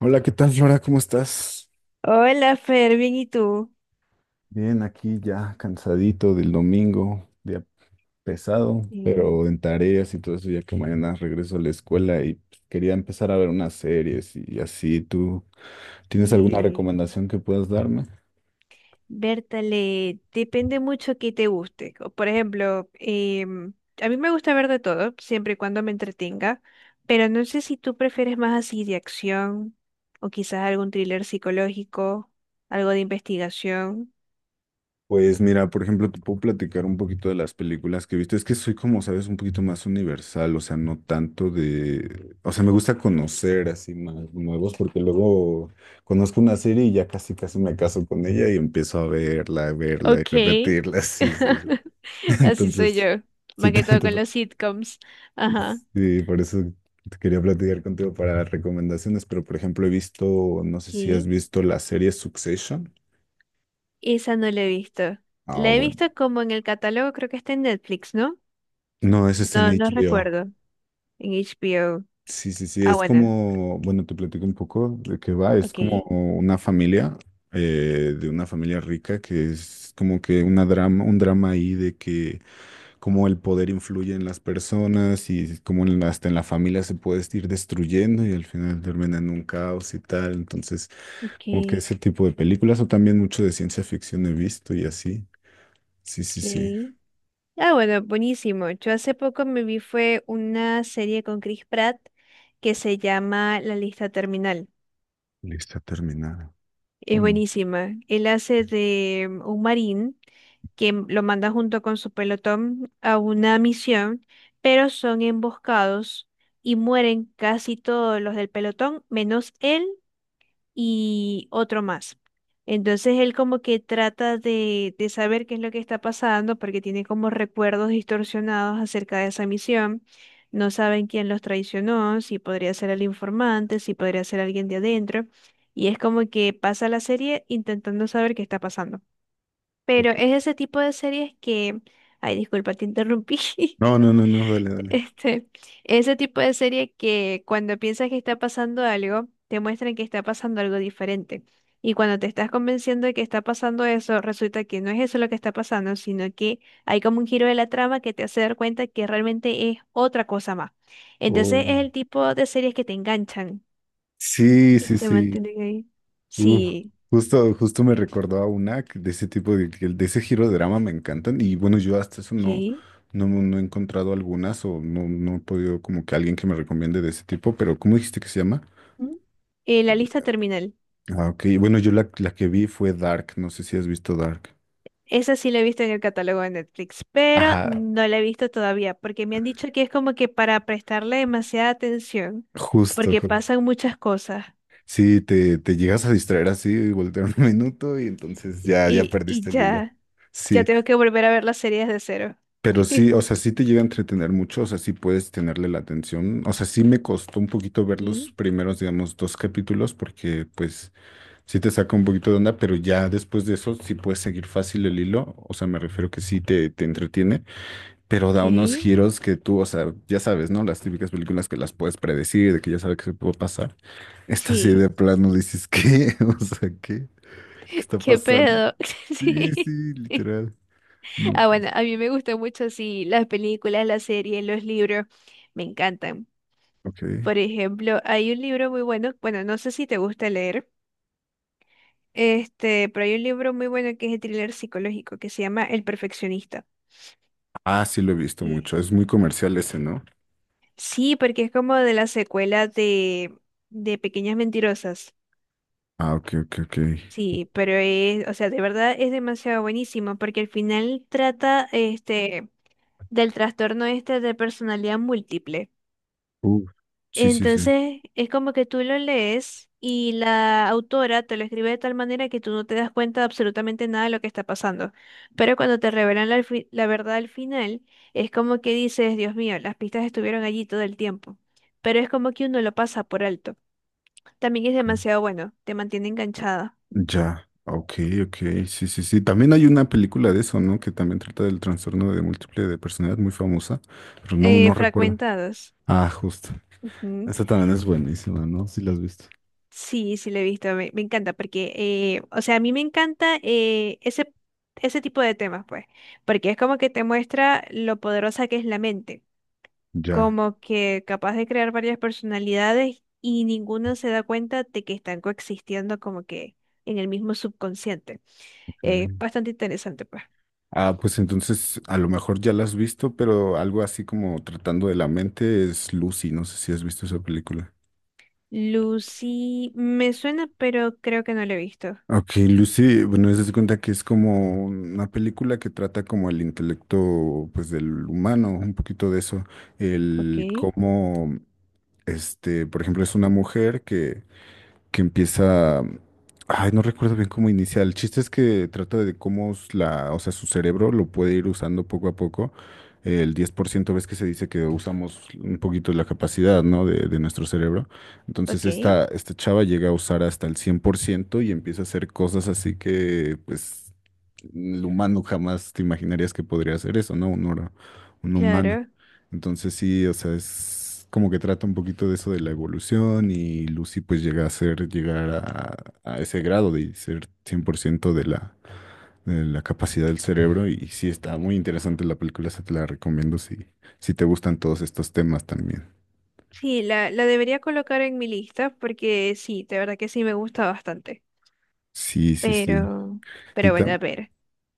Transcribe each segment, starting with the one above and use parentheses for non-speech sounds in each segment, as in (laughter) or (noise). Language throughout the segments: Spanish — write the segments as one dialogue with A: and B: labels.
A: Hola, ¿qué tal, Flora? ¿Cómo estás?
B: Hola, Fer, bien, ¿y tú?
A: Bien, aquí ya cansadito del domingo, día pesado,
B: Mm,
A: pero en tareas y todo eso, ya que mañana regreso a la escuela y pues, quería empezar a ver unas series y así. ¿Tú tienes alguna
B: sí,
A: recomendación que puedas darme?
B: Bertale, depende mucho que te guste. O, por ejemplo, em, a mí me gusta ver de todo, siempre y cuando me entretenga, pero no sé si tú prefieres más así de acción o quizás algún thriller psicológico, algo de investigación.
A: Pues mira, por ejemplo, te puedo platicar un poquito de las películas que he visto. Es que soy, como sabes, un poquito más universal, o sea, no tanto de. O sea, me gusta conocer así más nuevos, porque luego conozco una serie y ya casi, casi me caso con ella y empiezo a verla y
B: Ok.
A: repetirla. (laughs) Sí, sí, sí.
B: (laughs)
A: (laughs)
B: Así soy
A: Entonces,
B: yo,
A: sí,
B: más que todo con los sitcoms. Ajá.
A: sí, por eso te quería platicar contigo para recomendaciones, pero por ejemplo, he visto, no sé
B: Ok.
A: si has visto la serie Succession.
B: Esa no la he visto.
A: Ah,
B: La he
A: bueno.
B: visto como en el catálogo, creo que está en Netflix, ¿no?
A: No, ese está en
B: No, no
A: HBO.
B: recuerdo. En HBO.
A: Sí, sí, sí,
B: Ah,
A: es
B: bueno.
A: como, bueno, te platico un poco de qué va, es
B: Ok,
A: como una familia, de una familia rica, que es como que una drama, un drama ahí de que cómo el poder influye en las personas y cómo en la- hasta en la familia se puede ir destruyendo y al final termina en un caos y tal, entonces
B: ok,
A: como que ese tipo de películas o también mucho de ciencia ficción he visto y así, sí, sí, sí,
B: ok. Ah, bueno, buenísimo. Yo hace poco me vi fue una serie con Chris Pratt que se llama La Lista Terminal.
A: lista terminada,
B: Es
A: ¿o no?
B: buenísima. Él hace de un marín lo manda junto con su pelotón a una misión, pero son emboscados y mueren casi todos los del pelotón, menos él y otro más. Entonces él como que trata de saber qué es lo que está pasando porque tiene como recuerdos distorsionados acerca de esa misión. No saben quién los traicionó, si podría ser el informante, si podría ser alguien de adentro. Y es como que pasa la serie intentando saber qué está pasando.
A: Ok.
B: Pero es ese tipo de series que... Ay, disculpa, te interrumpí. (laughs)
A: No, no, no, no, dale, dale.
B: Este, ese tipo de serie que cuando piensas que está pasando algo, te muestran que está pasando algo diferente. Y cuando te estás convenciendo de que está pasando eso, resulta que no es eso lo que está pasando, sino que hay como un giro de la trama que te hace dar cuenta que realmente es otra cosa más.
A: Oh.
B: Entonces
A: No.
B: es el tipo de series que te enganchan
A: Sí,
B: y
A: sí,
B: te
A: sí.
B: mantienen ahí.
A: Uh,
B: Sí,
A: justo, justo me recordó a una que de ese tipo de, que de ese giro de drama me encantan. Y bueno, yo hasta eso no,
B: ¿qué?
A: no, no he encontrado algunas o no, no he podido como que alguien que me recomiende de ese tipo. Pero, ¿cómo dijiste que se llama?
B: ¿Mm? La lista terminal.
A: Ah, ok. Bueno, yo la, la que vi fue Dark. No sé si has visto Dark.
B: Esa sí la he visto en el catálogo de Netflix, pero
A: Ajá,
B: no la he visto todavía porque me han dicho que es como que para prestarle demasiada atención,
A: justo.
B: porque pasan muchas cosas
A: Sí, te llegas a distraer así y voltear un (laughs) minuto y entonces ya, ya
B: y
A: perdiste el hilo.
B: ya, ya
A: Sí.
B: tengo que volver a ver las series de cero.
A: Pero sí,
B: (laughs)
A: o sea, sí te llega a entretener mucho, o sea, sí puedes tenerle la atención. O sea, sí me costó un poquito ver los
B: Sí.
A: primeros, digamos, dos capítulos, porque pues sí te saca un poquito de onda, pero ya después de eso sí puedes seguir fácil el hilo. O sea, me refiero que sí te entretiene, pero da unos
B: ¿Qué?
A: giros que tú, o sea, ya sabes, ¿no? Las típicas películas que las puedes predecir, de que ya sabes que se puede pasar. Esta sí de
B: Sí.
A: plano dices, ¿qué? (laughs) O sea, ¿qué? ¿Qué
B: (laughs)
A: está
B: ¿Qué
A: pasando?
B: pedo? (laughs)
A: Sí,
B: Sí.
A: sí, literal. No,
B: Ah, bueno, a mí me gustan mucho, sí, las películas, las series, los libros, me encantan.
A: ok.
B: Por ejemplo, hay un libro muy bueno, bueno, no sé si te gusta leer. Este, pero hay un libro muy bueno que es de thriller psicológico que se llama El Perfeccionista.
A: Ah, sí lo he visto
B: Y-
A: mucho. Es muy comercial ese, ¿no?
B: sí, porque es como de la secuela de Pequeñas Mentirosas.
A: Ah, ok, ok, ok.
B: Sí, pero es, o sea, de verdad es demasiado buenísimo porque al final trata este del trastorno este de personalidad múltiple.
A: Uh, sí, sí, sí.
B: Entonces, es como que tú lo lees y la autora te lo escribe de tal manera que tú no te das cuenta de absolutamente nada de lo que está pasando. Pero cuando te revelan la verdad al final, es como que dices, Dios mío, las pistas estuvieron allí todo el tiempo. Pero es como que uno lo pasa por alto. También es
A: Ok.
B: demasiado bueno, te mantiene enganchada.
A: Ya. Ok, ok. Sí, sí, sí. También hay una película de eso, ¿no? Que también trata del trastorno de múltiple de personalidad, muy famosa, pero no, no recuerdo.
B: Fragmentados.
A: Ah, justo. Esa también es buenísima, ¿no? Sí la has visto.
B: Sí, sí lo he visto, me encanta porque, o sea, a mí me encanta ese tipo de temas, pues, porque es como que te muestra lo poderosa que es la mente,
A: Ya.
B: como que capaz de crear varias personalidades y ninguno se da cuenta de que están coexistiendo como que en el mismo subconsciente.
A: Ok.
B: Es bastante interesante, pues.
A: Ah, pues entonces a lo mejor ya la has visto, pero algo así como tratando de la mente es Lucy. No sé si has visto esa película.
B: Lucy, me suena, pero creo que no lo he visto.
A: Ok, Lucy, bueno, eso se cuenta que es como una película que trata como el intelecto, pues, del humano, un poquito de eso,
B: Ok,
A: el cómo, este, por ejemplo, es una mujer que empieza, ay, no recuerdo bien cómo inicia, el chiste es que trata de cómo la, o sea, su cerebro lo puede ir usando poco a poco, el 10% ves que se dice que usamos un poquito la capacidad, ¿no? de nuestro cerebro. Entonces
B: ok,
A: esta chava llega a usar hasta el 100% y empieza a hacer cosas así que, pues, el humano jamás te imaginarías que podría hacer eso, ¿no? Un humano.
B: claro.
A: Entonces sí, o sea, es como que trata un poquito de eso de la evolución y Lucy pues llega a ser, llegar a ese grado de ser 100% de la capacidad del cerebro y sí está muy interesante la película, se te la recomiendo si, te gustan todos estos temas también.
B: Sí, la debería colocar en mi lista porque sí, de verdad que sí me gusta bastante.
A: Sí, sí, sí.
B: Pero,
A: y
B: pero bueno,
A: tam-
B: a ver.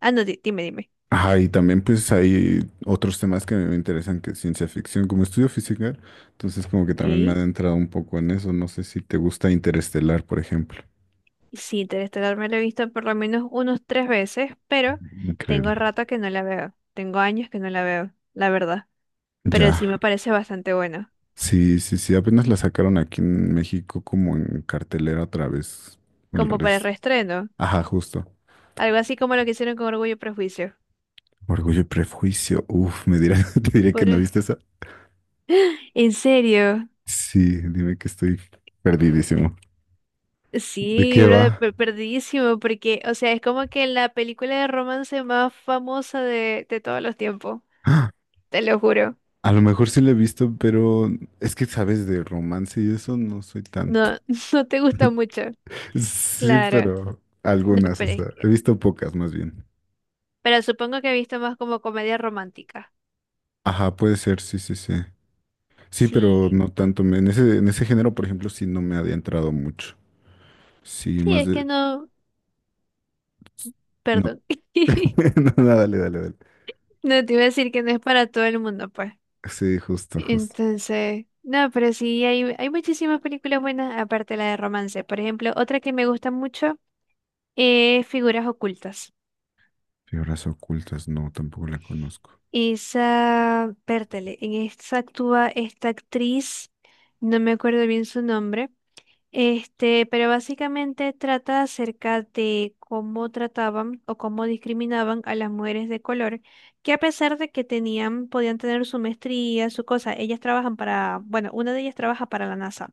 B: Ah, no, dime, dime.
A: Ajá, y también pues hay otros temas que me interesan que es ciencia ficción, como estudio física, entonces como que
B: Ok.
A: también me he adentrado un poco en eso, no sé si te gusta Interestelar, por ejemplo.
B: Sí, Interestelar me la he visto por lo menos unos 3 veces, pero
A: Increíble.
B: tengo rato que no la veo. Tengo años que no la veo, la verdad. Pero
A: Ya,
B: sí me parece bastante bueno,
A: sí, sí, sí, apenas la sacaron aquí en México como en cartelera otra vez, el
B: como para el
A: resto.
B: reestreno.
A: Ajá, justo.
B: Algo así como lo que hicieron con Orgullo y Prejuicio.
A: Orgullo y Prejuicio, uf, me dirá, (laughs) te diré que
B: Por...
A: no viste esa.
B: ¿En serio?
A: Sí, dime que estoy perdidísimo. ¿De
B: Sí,
A: qué
B: brother,
A: va?
B: perdidísimo, porque, o sea, es como que la película de romance más famosa de todos los tiempos,
A: (gasps)
B: te lo juro.
A: A lo mejor sí la he visto, pero es que sabes de romance y eso no soy tanto.
B: No, (laughs) no te gusta mucho.
A: (laughs) Sí,
B: Claro,
A: pero
B: no,
A: algunas, o
B: pero es
A: sea, he
B: que,
A: visto pocas más bien.
B: pero supongo que he visto más como comedia romántica.
A: Ajá, puede ser, sí, sí, sí. Sí, pero
B: Sí,
A: no tanto. En ese género, por ejemplo, sí no me ha adentrado mucho. Sí,
B: sí,
A: más
B: es
A: de.
B: que no,
A: No,
B: perdón.
A: (laughs)
B: (laughs)
A: no, no, dale, dale, dale.
B: No te iba a decir que no es para todo el mundo, pues.
A: Sí, justo, justo.
B: Entonces, no, pero sí, hay muchísimas películas buenas, aparte de la de romance. Por ejemplo, otra que me gusta mucho es Figuras Ocultas.
A: Figuras Ocultas, no, tampoco la conozco.
B: Esa, pértale, en esa actúa esta actriz, no me acuerdo bien su nombre, este, pero básicamente trata acerca de cómo trataban o cómo discriminaban a las mujeres de color, que a pesar de que tenían, podían tener su maestría, su cosa, ellas trabajan para, bueno, una de ellas trabaja para la NASA.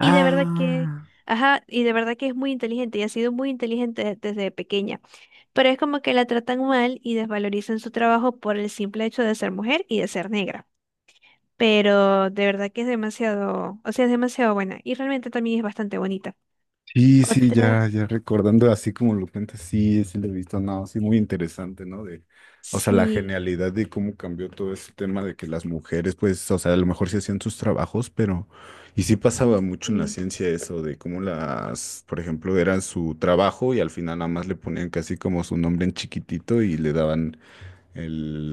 B: Y de verdad que, ajá, y de verdad que es muy inteligente y ha sido muy inteligente desde pequeña, pero es como que la tratan mal y desvalorizan su trabajo por el simple hecho de ser mujer y de ser negra. Pero de verdad que es demasiado, o sea, es demasiado buena y realmente también es bastante bonita.
A: Sí, sí,
B: Otra,
A: ya, ya recordando así como lo cuentas, sí, sí lo he visto, no, sí, muy interesante, ¿no? De, o sea, la
B: sí,
A: genialidad de cómo cambió todo ese tema de que las mujeres, pues, o sea, a lo mejor sí hacían sus trabajos, pero, y sí pasaba mucho en la
B: sí,
A: ciencia eso, de cómo las, por ejemplo, eran su trabajo y al final nada más le ponían casi como su nombre en chiquitito y le daban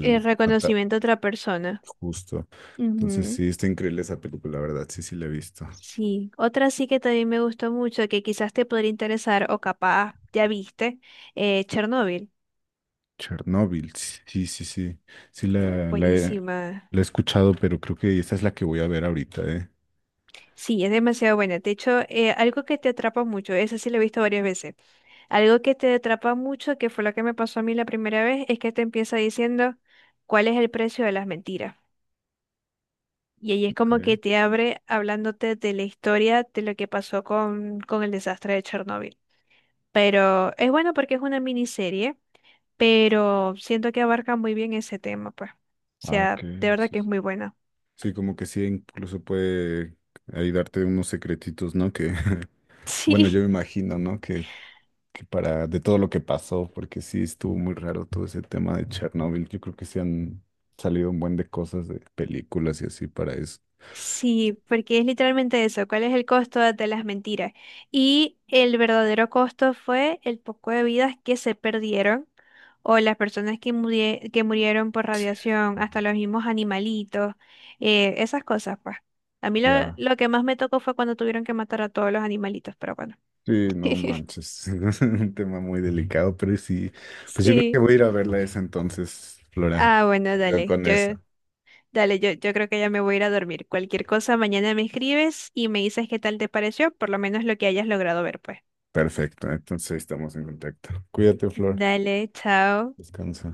B: el
A: ata-
B: reconocimiento a otra persona.
A: Justo. Entonces,
B: Ujú,
A: sí, está increíble esa película, la verdad, sí, sí la he visto.
B: sí, otra sí que también me gustó mucho, que quizás te podría interesar o capaz ya viste, Chernobyl.
A: Chernóbil, sí, sí, sí. Sí,
B: Buenísima.
A: la he escuchado, pero creo que esta es la que voy a ver ahorita, ¿eh?
B: Sí, es demasiado buena. De hecho, algo que te atrapa mucho, esa sí la he visto varias veces. Algo que te atrapa mucho, que fue lo que me pasó a mí la primera vez, es que te empieza diciendo cuál es el precio de las mentiras. Y ahí es como
A: Ok.
B: que te abre hablándote de la historia de lo que pasó con el desastre de Chernóbil. Pero es bueno porque es una miniserie, pero siento que abarca muy bien ese tema, pues. O
A: Ah, ok.
B: sea, de verdad
A: Sí,
B: que es
A: sí.
B: muy buena.
A: Sí, como que sí, incluso puede ahí darte unos secretitos, ¿no? Que, (laughs)
B: (laughs)
A: bueno, yo
B: Sí.
A: me imagino, ¿no? Que para, de todo lo que pasó, porque sí estuvo muy raro todo ese tema de Chernóbil. Yo creo que sí han salido un buen de cosas, de películas y así para eso.
B: Sí, porque es literalmente eso, ¿cuál es el costo de las mentiras? Y el verdadero costo fue el poco de vidas que se perdieron o las personas que, que murieron por radiación, hasta los mismos animalitos, esas cosas, pues. A mí
A: Ya.
B: lo que más me tocó fue cuando tuvieron que matar a todos los animalitos, pero bueno.
A: Sí, no
B: (laughs)
A: manches, (laughs) es un tema muy delicado, pero sí, pues yo creo que
B: Sí.
A: voy a ir a verla esa entonces, Flora.
B: Ah, bueno,
A: Me quedo
B: dale.
A: con
B: Yo,
A: esa.
B: dale, yo creo que ya me voy a ir a dormir. Cualquier cosa, mañana me escribes y me dices qué tal te pareció, por lo menos lo que hayas logrado ver, pues.
A: Perfecto, entonces ahí estamos en contacto. Cuídate, Flor.
B: Dale, chao.
A: Descansa.